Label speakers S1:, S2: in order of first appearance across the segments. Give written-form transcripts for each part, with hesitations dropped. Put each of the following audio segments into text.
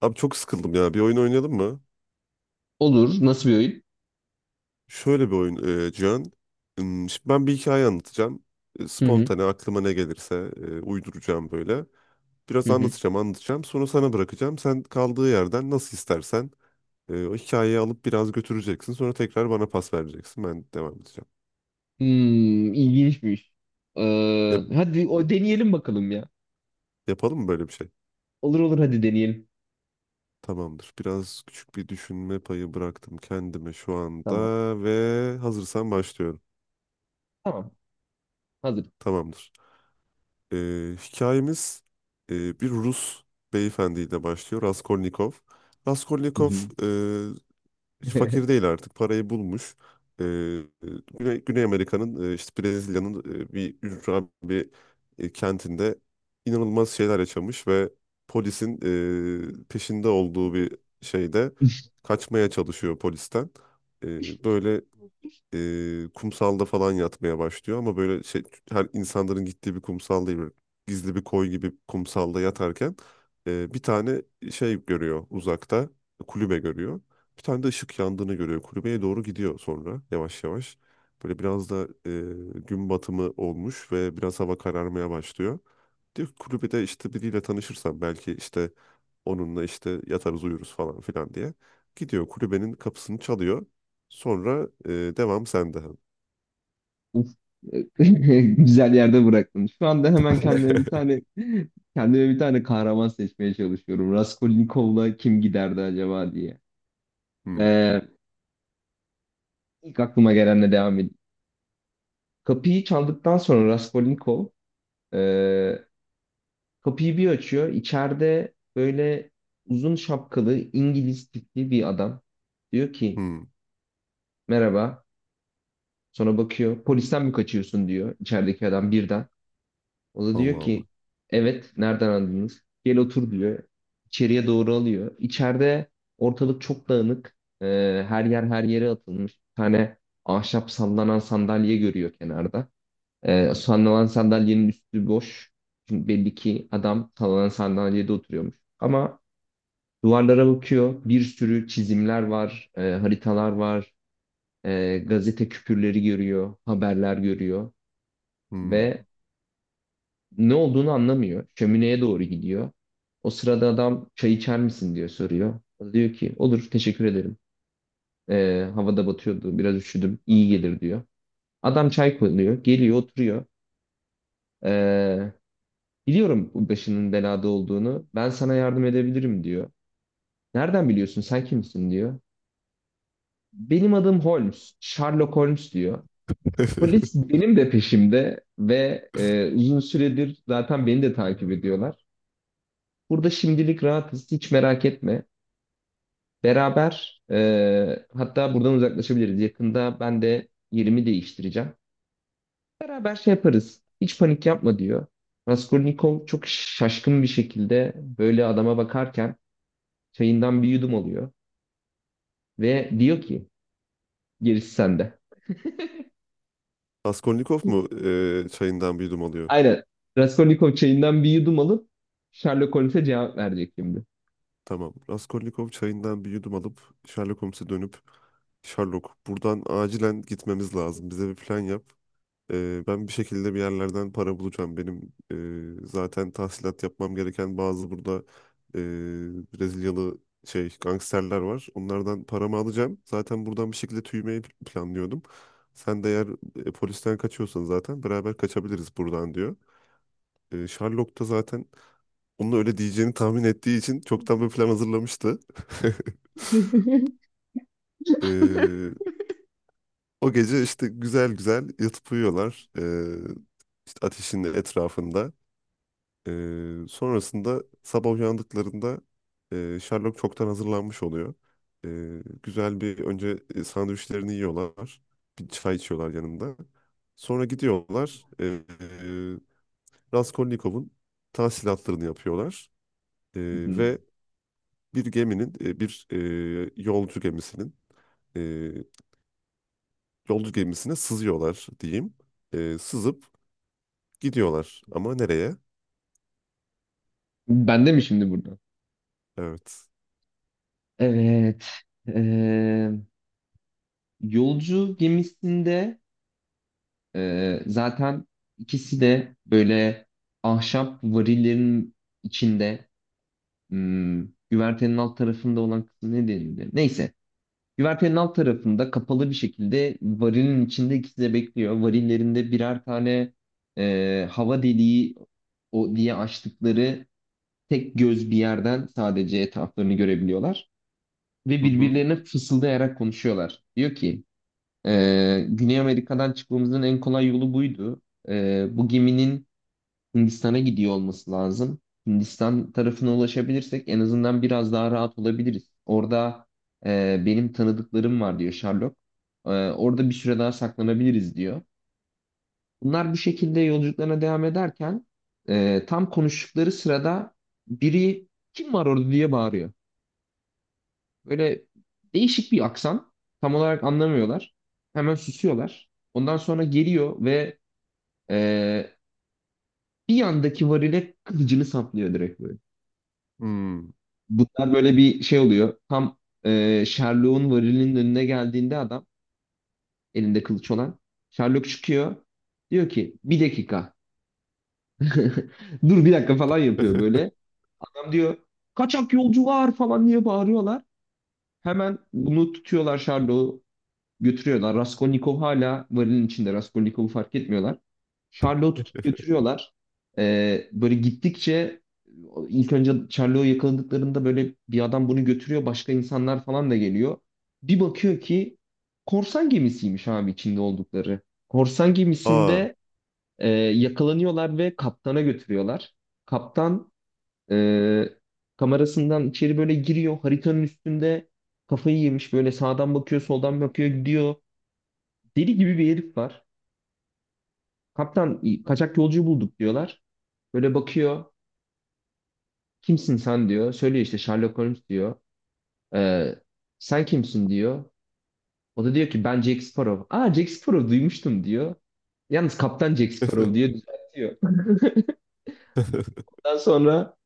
S1: Abi çok sıkıldım ya. Bir oyun oynayalım mı?
S2: Olur. Nasıl bir oyun?
S1: Şöyle bir oyun Cihan. Şimdi ben bir hikaye anlatacağım.
S2: Hı hı.
S1: Spontane aklıma ne gelirse uyduracağım böyle. Biraz
S2: Hı hı.
S1: anlatacağım, anlatacağım. Sonra sana bırakacağım. Sen kaldığı yerden nasıl istersen o hikayeyi alıp biraz götüreceksin. Sonra tekrar bana pas vereceksin. Ben devam edeceğim.
S2: Hmm, ilginçmiş.
S1: Yap-
S2: Hadi o deneyelim bakalım ya.
S1: yapalım mı böyle bir şey?
S2: Olur olur, hadi deneyelim.
S1: Tamamdır. Biraz küçük bir düşünme payı bıraktım kendime şu anda
S2: Tamam.
S1: ve hazırsan başlıyorum.
S2: Tamam. Hazır.
S1: Tamamdır. Hikayemiz bir Rus beyefendiyle başlıyor. Raskolnikov.
S2: Hı
S1: Raskolnikov
S2: hı.
S1: e, hiç fakir değil artık. Parayı bulmuş. E, Güney Amerika'nın işte Brezilya'nın bir ücra kentinde inanılmaz şeyler yaşamış ve polisin peşinde olduğu bir şeyde kaçmaya çalışıyor polisten. Böyle kumsalda falan yatmaya başlıyor ama böyle şey, her insanların gittiği bir kumsal değil, böyle gizli bir koy gibi kumsalda yatarken bir tane şey görüyor, uzakta kulübe görüyor. Bir tane de ışık yandığını görüyor. Kulübeye doğru gidiyor sonra yavaş yavaş. Böyle biraz da gün batımı olmuş ve biraz hava kararmaya başlıyor. Diyor ki kulübede işte biriyle tanışırsam belki işte onunla işte yatarız uyuruz falan filan diye. Gidiyor kulübenin kapısını çalıyor. Sonra devam sende.
S2: Uf. Güzel yerde bıraktın. Şu anda hemen kendime bir tane kahraman seçmeye çalışıyorum. Raskolnikov'la kim giderdi acaba diye.
S1: Hmm,
S2: Ee, ilk aklıma gelenle devam edeyim. Kapıyı çaldıktan sonra Raskolnikov ee, kapıyı bir açıyor. İçeride böyle uzun şapkalı İngiliz tipli bir adam. Diyor ki
S1: hmm.
S2: merhaba. Sonra bakıyor. Polisten mi kaçıyorsun diyor içerideki adam birden. O da diyor
S1: Allah Allah.
S2: ki evet, nereden anladınız? Gel otur diyor. İçeriye doğru alıyor. İçeride ortalık çok dağınık. Her yer her yere atılmış. Bir tane ahşap sallanan sandalye görüyor kenarda. Sallanan sandalyenin üstü boş. Çünkü belli ki adam sallanan sandalyede oturuyormuş. Ama duvarlara bakıyor. Bir sürü çizimler var, haritalar var, gazete küpürleri görüyor, haberler görüyor
S1: Hmm.
S2: ve ne olduğunu anlamıyor. Şömineye doğru gidiyor. O sırada adam çay içer misin diyor, soruyor. O diyor ki olur, teşekkür ederim. Havada batıyordu, biraz üşüdüm, iyi gelir diyor. Adam çay koyuyor, geliyor, oturuyor. E, Biliyorum bu başının belada olduğunu, ben sana yardım edebilirim diyor. Nereden biliyorsun, sen kimsin diyor. Benim adım Holmes, Sherlock Holmes diyor. Polis benim de peşimde ve uzun süredir zaten beni de takip ediyorlar. Burada şimdilik rahatız, hiç merak etme. Beraber hatta buradan uzaklaşabiliriz. Yakında ben de yerimi değiştireceğim. Beraber şey yaparız. Hiç panik yapma diyor. Raskolnikov çok şaşkın bir şekilde böyle adama bakarken çayından bir yudum alıyor ve diyor ki gerisi sende.
S1: Raskolnikov mu çayından bir yudum alıyor?
S2: Aynen. Raskolnikov çayından bir yudum alıp Sherlock Holmes'e cevap verecek şimdi.
S1: Tamam. Raskolnikov çayından bir yudum alıp Sherlock Holmes'e dönüp Sherlock buradan acilen gitmemiz lazım. Bize bir plan yap. Ben bir şekilde bir yerlerden para bulacağım. Benim zaten tahsilat yapmam gereken bazı burada e, Brezilyalı şey gangsterler var. Onlardan paramı alacağım. Zaten buradan bir şekilde tüymeyi planlıyordum. Sen de eğer polisten kaçıyorsan zaten beraber kaçabiliriz buradan diyor. Sherlock da zaten onun öyle diyeceğini tahmin ettiği için çoktan bir plan hazırlamıştı. E, o gece işte güzel güzel yatıp uyuyorlar. İşte ateşin etrafında. Sonrasında sabah uyandıklarında Sherlock çoktan hazırlanmış oluyor. Güzel bir önce sandviçlerini yiyorlar. Bir çay içiyorlar yanında. Sonra gidiyorlar. Raskolnikov'un tahsilatlarını yapıyorlar. E,
S2: Hı hı.
S1: ve bir geminin, bir yolcu gemisinin e, yolcu gemisine sızıyorlar diyeyim. Sızıp gidiyorlar. Ama nereye?
S2: Bende mi şimdi burada?
S1: Evet.
S2: Evet. eee, Yolcu gemisinde zaten ikisi de böyle ahşap varillerin içinde, hmm, güvertenin alt tarafında olan kısmı ne denildi? Neyse. Güvertenin alt tarafında kapalı bir şekilde varilin içinde ikisi de bekliyor. Varillerinde birer tane hava deliği o diye açtıkları tek göz bir yerden sadece etraflarını görebiliyorlar ve
S1: Hı hı.
S2: birbirlerine fısıldayarak konuşuyorlar. Diyor ki: Güney Amerika'dan çıkmamızın en kolay yolu buydu. Bu geminin Hindistan'a gidiyor olması lazım. Hindistan tarafına ulaşabilirsek en azından biraz daha rahat olabiliriz. Orada benim tanıdıklarım var diyor Sherlock. Orada bir süre daha saklanabiliriz diyor. Bunlar bu şekilde yolculuklarına devam ederken tam konuştukları sırada biri kim var orada diye bağırıyor. Böyle değişik bir aksan. Tam olarak anlamıyorlar. Hemen susuyorlar. Ondan sonra geliyor ve e, bir yandaki varile kılıcını saplıyor direkt böyle.
S1: Hmm.
S2: Bunlar böyle bir şey oluyor. Tam Sherlock'un varilinin önüne geldiğinde adam, elinde kılıç olan, Sherlock çıkıyor. Diyor ki bir dakika. Dur bir dakika falan yapıyor böyle. Adam diyor, kaçak yolcu var falan diye bağırıyorlar. Hemen bunu tutuyorlar, Sherlock'u götürüyorlar. Raskolnikov hala varilin içinde. Raskolnikov'u fark etmiyorlar. Charlot'u tutup götürüyorlar. Böyle gittikçe, ilk önce Charlot'u yakaladıklarında böyle bir adam bunu götürüyor. Başka insanlar falan da geliyor. Bir bakıyor ki korsan gemisiymiş abi içinde oldukları. Korsan
S1: Aa.
S2: gemisinde yakalanıyorlar ve kaptana götürüyorlar. Kaptan e, kamerasından içeri böyle giriyor. Haritanın üstünde kafayı yemiş, böyle sağdan bakıyor, soldan bakıyor, gidiyor. Deli gibi bir herif var. Kaptan, kaçak yolcu bulduk diyorlar. Böyle bakıyor. Kimsin sen diyor. Söylüyor işte, Sherlock Holmes diyor. Ee, Sen kimsin diyor. O da diyor ki ben Jack Sparrow. Aa, Jack Sparrow, duymuştum diyor. Yalnız kaptan Jack Sparrow diye düzeltiyor. Ondan sonra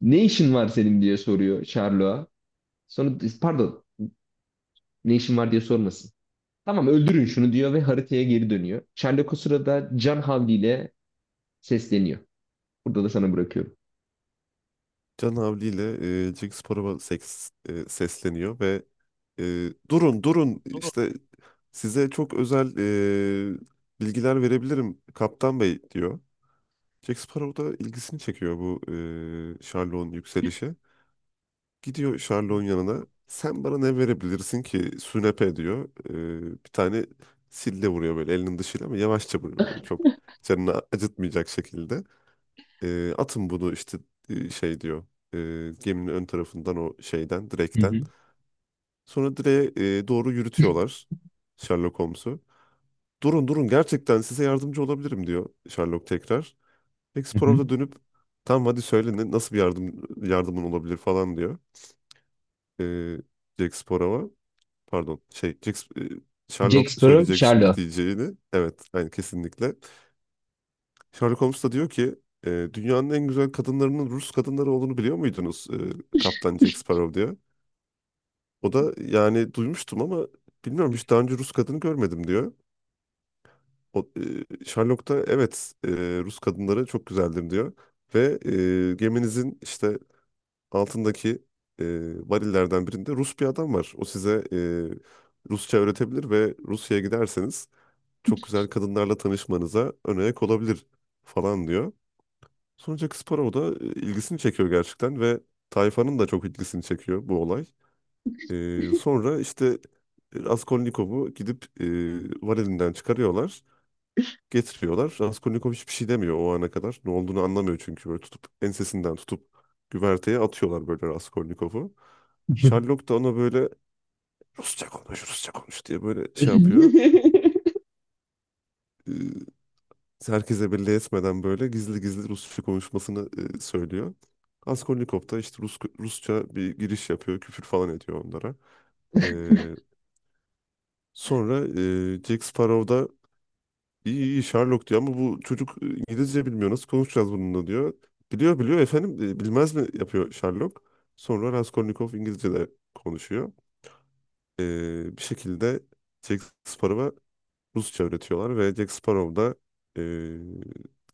S2: ne işin var senin diye soruyor Sherlock'a. Sonra pardon, ne işin var diye sormasın. Tamam, öldürün şunu diyor ve haritaya geri dönüyor. Sherlock o sırada can havliyle sesleniyor. Burada da sana bırakıyorum.
S1: Can Havli ile Cengiz Spor'a seks, sesleniyor ve e, durun durun işte size çok özel e, bilgiler verebilirim Kaptan Bey diyor. Jack Sparrow da ilgisini çekiyor bu Sherlock'un yükselişi. Gidiyor Sherlock'un yanına. Sen bana ne verebilirsin ki Sünepe diyor. Bir tane sille vuruyor böyle elinin dışıyla ama yavaşça vuruyor. Böyle çok canını acıtmayacak şekilde. Atın bunu işte şey diyor. E, geminin ön tarafından o şeyden,
S2: Hı
S1: direkten.
S2: hı.
S1: Sonra direğe doğru yürütüyorlar Sherlock Holmes'u. Durun durun gerçekten size yardımcı olabilirim diyor Sherlock tekrar.
S2: Hı
S1: Explorer'a
S2: hı.
S1: da dönüp tamam hadi söyle nasıl bir yardımın olabilir falan diyor. E, Jack Sparrow'a pardon şey Jack,
S2: Jack
S1: Sherlock
S2: Sparrow,
S1: söyleyecek şimdi
S2: Sherlock.
S1: diyeceğini. Evet yani kesinlikle. Sherlock Holmes da diyor ki dünyanın en güzel kadınlarının Rus kadınları olduğunu biliyor muydunuz Kaptan Jack Sparrow diyor. O da yani duymuştum ama bilmiyorum hiç daha önce Rus kadını görmedim diyor. O, Sherlock da evet Rus kadınları çok güzeldir diyor. Ve geminizin işte altındaki e, varillerden birinde Rus bir adam var. O size Rusça öğretebilir ve Rusya'ya giderseniz çok güzel kadınlarla tanışmanıza önayak olabilir falan diyor. Sonuç Akspor'a o da ilgisini çekiyor gerçekten ve tayfanın da çok ilgisini çekiyor bu olay. E, sonra işte Raskolnikov'u gidip varilinden çıkarıyorlar. Getiriyorlar. Raskolnikov hiçbir şey demiyor o ana kadar. Ne olduğunu anlamıyor çünkü böyle tutup ensesinden tutup güverteye atıyorlar böyle Raskolnikov'u. Sherlock da ona böyle Rusça konuş, Rusça konuş diye böyle şey yapıyor, herkese belli etmeden böyle gizli gizli Rusça konuşmasını söylüyor. Raskolnikov da işte Rusça bir giriş yapıyor, küfür falan ediyor onlara. E, sonra Jack Sparrow da iyi iyi Sherlock diyor ama bu çocuk İngilizce bilmiyor nasıl konuşacağız bununla diyor. Biliyor biliyor efendim bilmez mi yapıyor Sherlock. Sonra Raskolnikov İngilizce de konuşuyor. E, bir şekilde Jack Sparrow'a Rusça öğretiyorlar ve Jack Sparrow da e,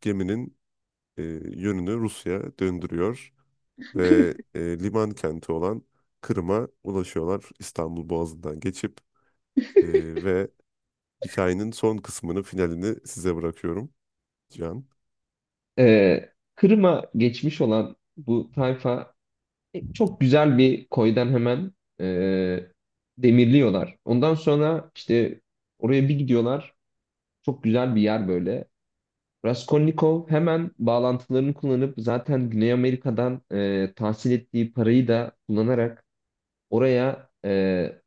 S1: geminin e, yönünü Rusya döndürüyor ve liman kenti olan Kırım'a ulaşıyorlar İstanbul Boğazı'ndan geçip. E, ve hikayenin son kısmını, finalini size bırakıyorum Can.
S2: Ee, Kırım'a geçmiş olan bu tayfa çok güzel bir koydan hemen e, demirliyorlar. Ondan sonra işte oraya bir gidiyorlar. Çok güzel bir yer böyle. Raskolnikov hemen bağlantılarını kullanıp zaten Güney Amerika'dan tahsil ettiği parayı da kullanarak oraya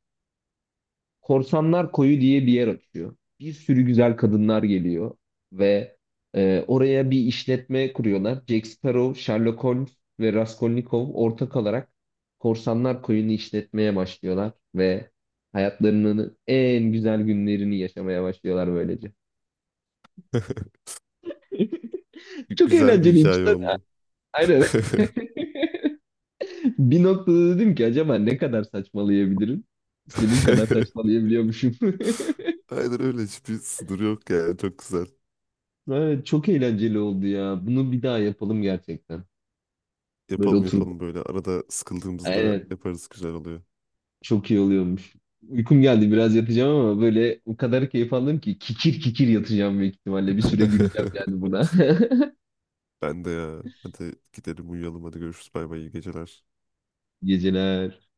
S2: Korsanlar Koyu diye bir yer açıyor. Bir sürü güzel kadınlar geliyor ve oraya bir işletme kuruyorlar. Jack Sparrow, Sherlock Holmes ve Raskolnikov ortak olarak Korsanlar Koyu'nu işletmeye başlıyorlar ve hayatlarının en güzel günlerini yaşamaya başlıyorlar böylece. Çok
S1: Güzel bir
S2: eğlenceliymiş.
S1: hikaye oldu.
S2: Aynen. Bir noktada dedim ki acaba ne kadar saçmalayabilirim? İstediğim kadar saçmalayabiliyormuşum.
S1: Aynen öyle, hiçbir sınır yok yani, çok güzel.
S2: Evet, çok eğlenceli oldu ya. Bunu bir daha yapalım gerçekten. Böyle
S1: Yapalım
S2: oturup,
S1: yapalım, böyle arada sıkıldığımızda
S2: aynen,
S1: yaparız, güzel oluyor.
S2: çok iyi oluyormuş. Uykum geldi, biraz yatacağım ama böyle o kadar keyif aldım ki kikir kikir yatacağım büyük ihtimalle. Bir süre güleceğim yani buna.
S1: Ben de ya. Hadi gidelim uyuyalım, hadi görüşürüz, bay bay, iyi geceler.
S2: Geceler.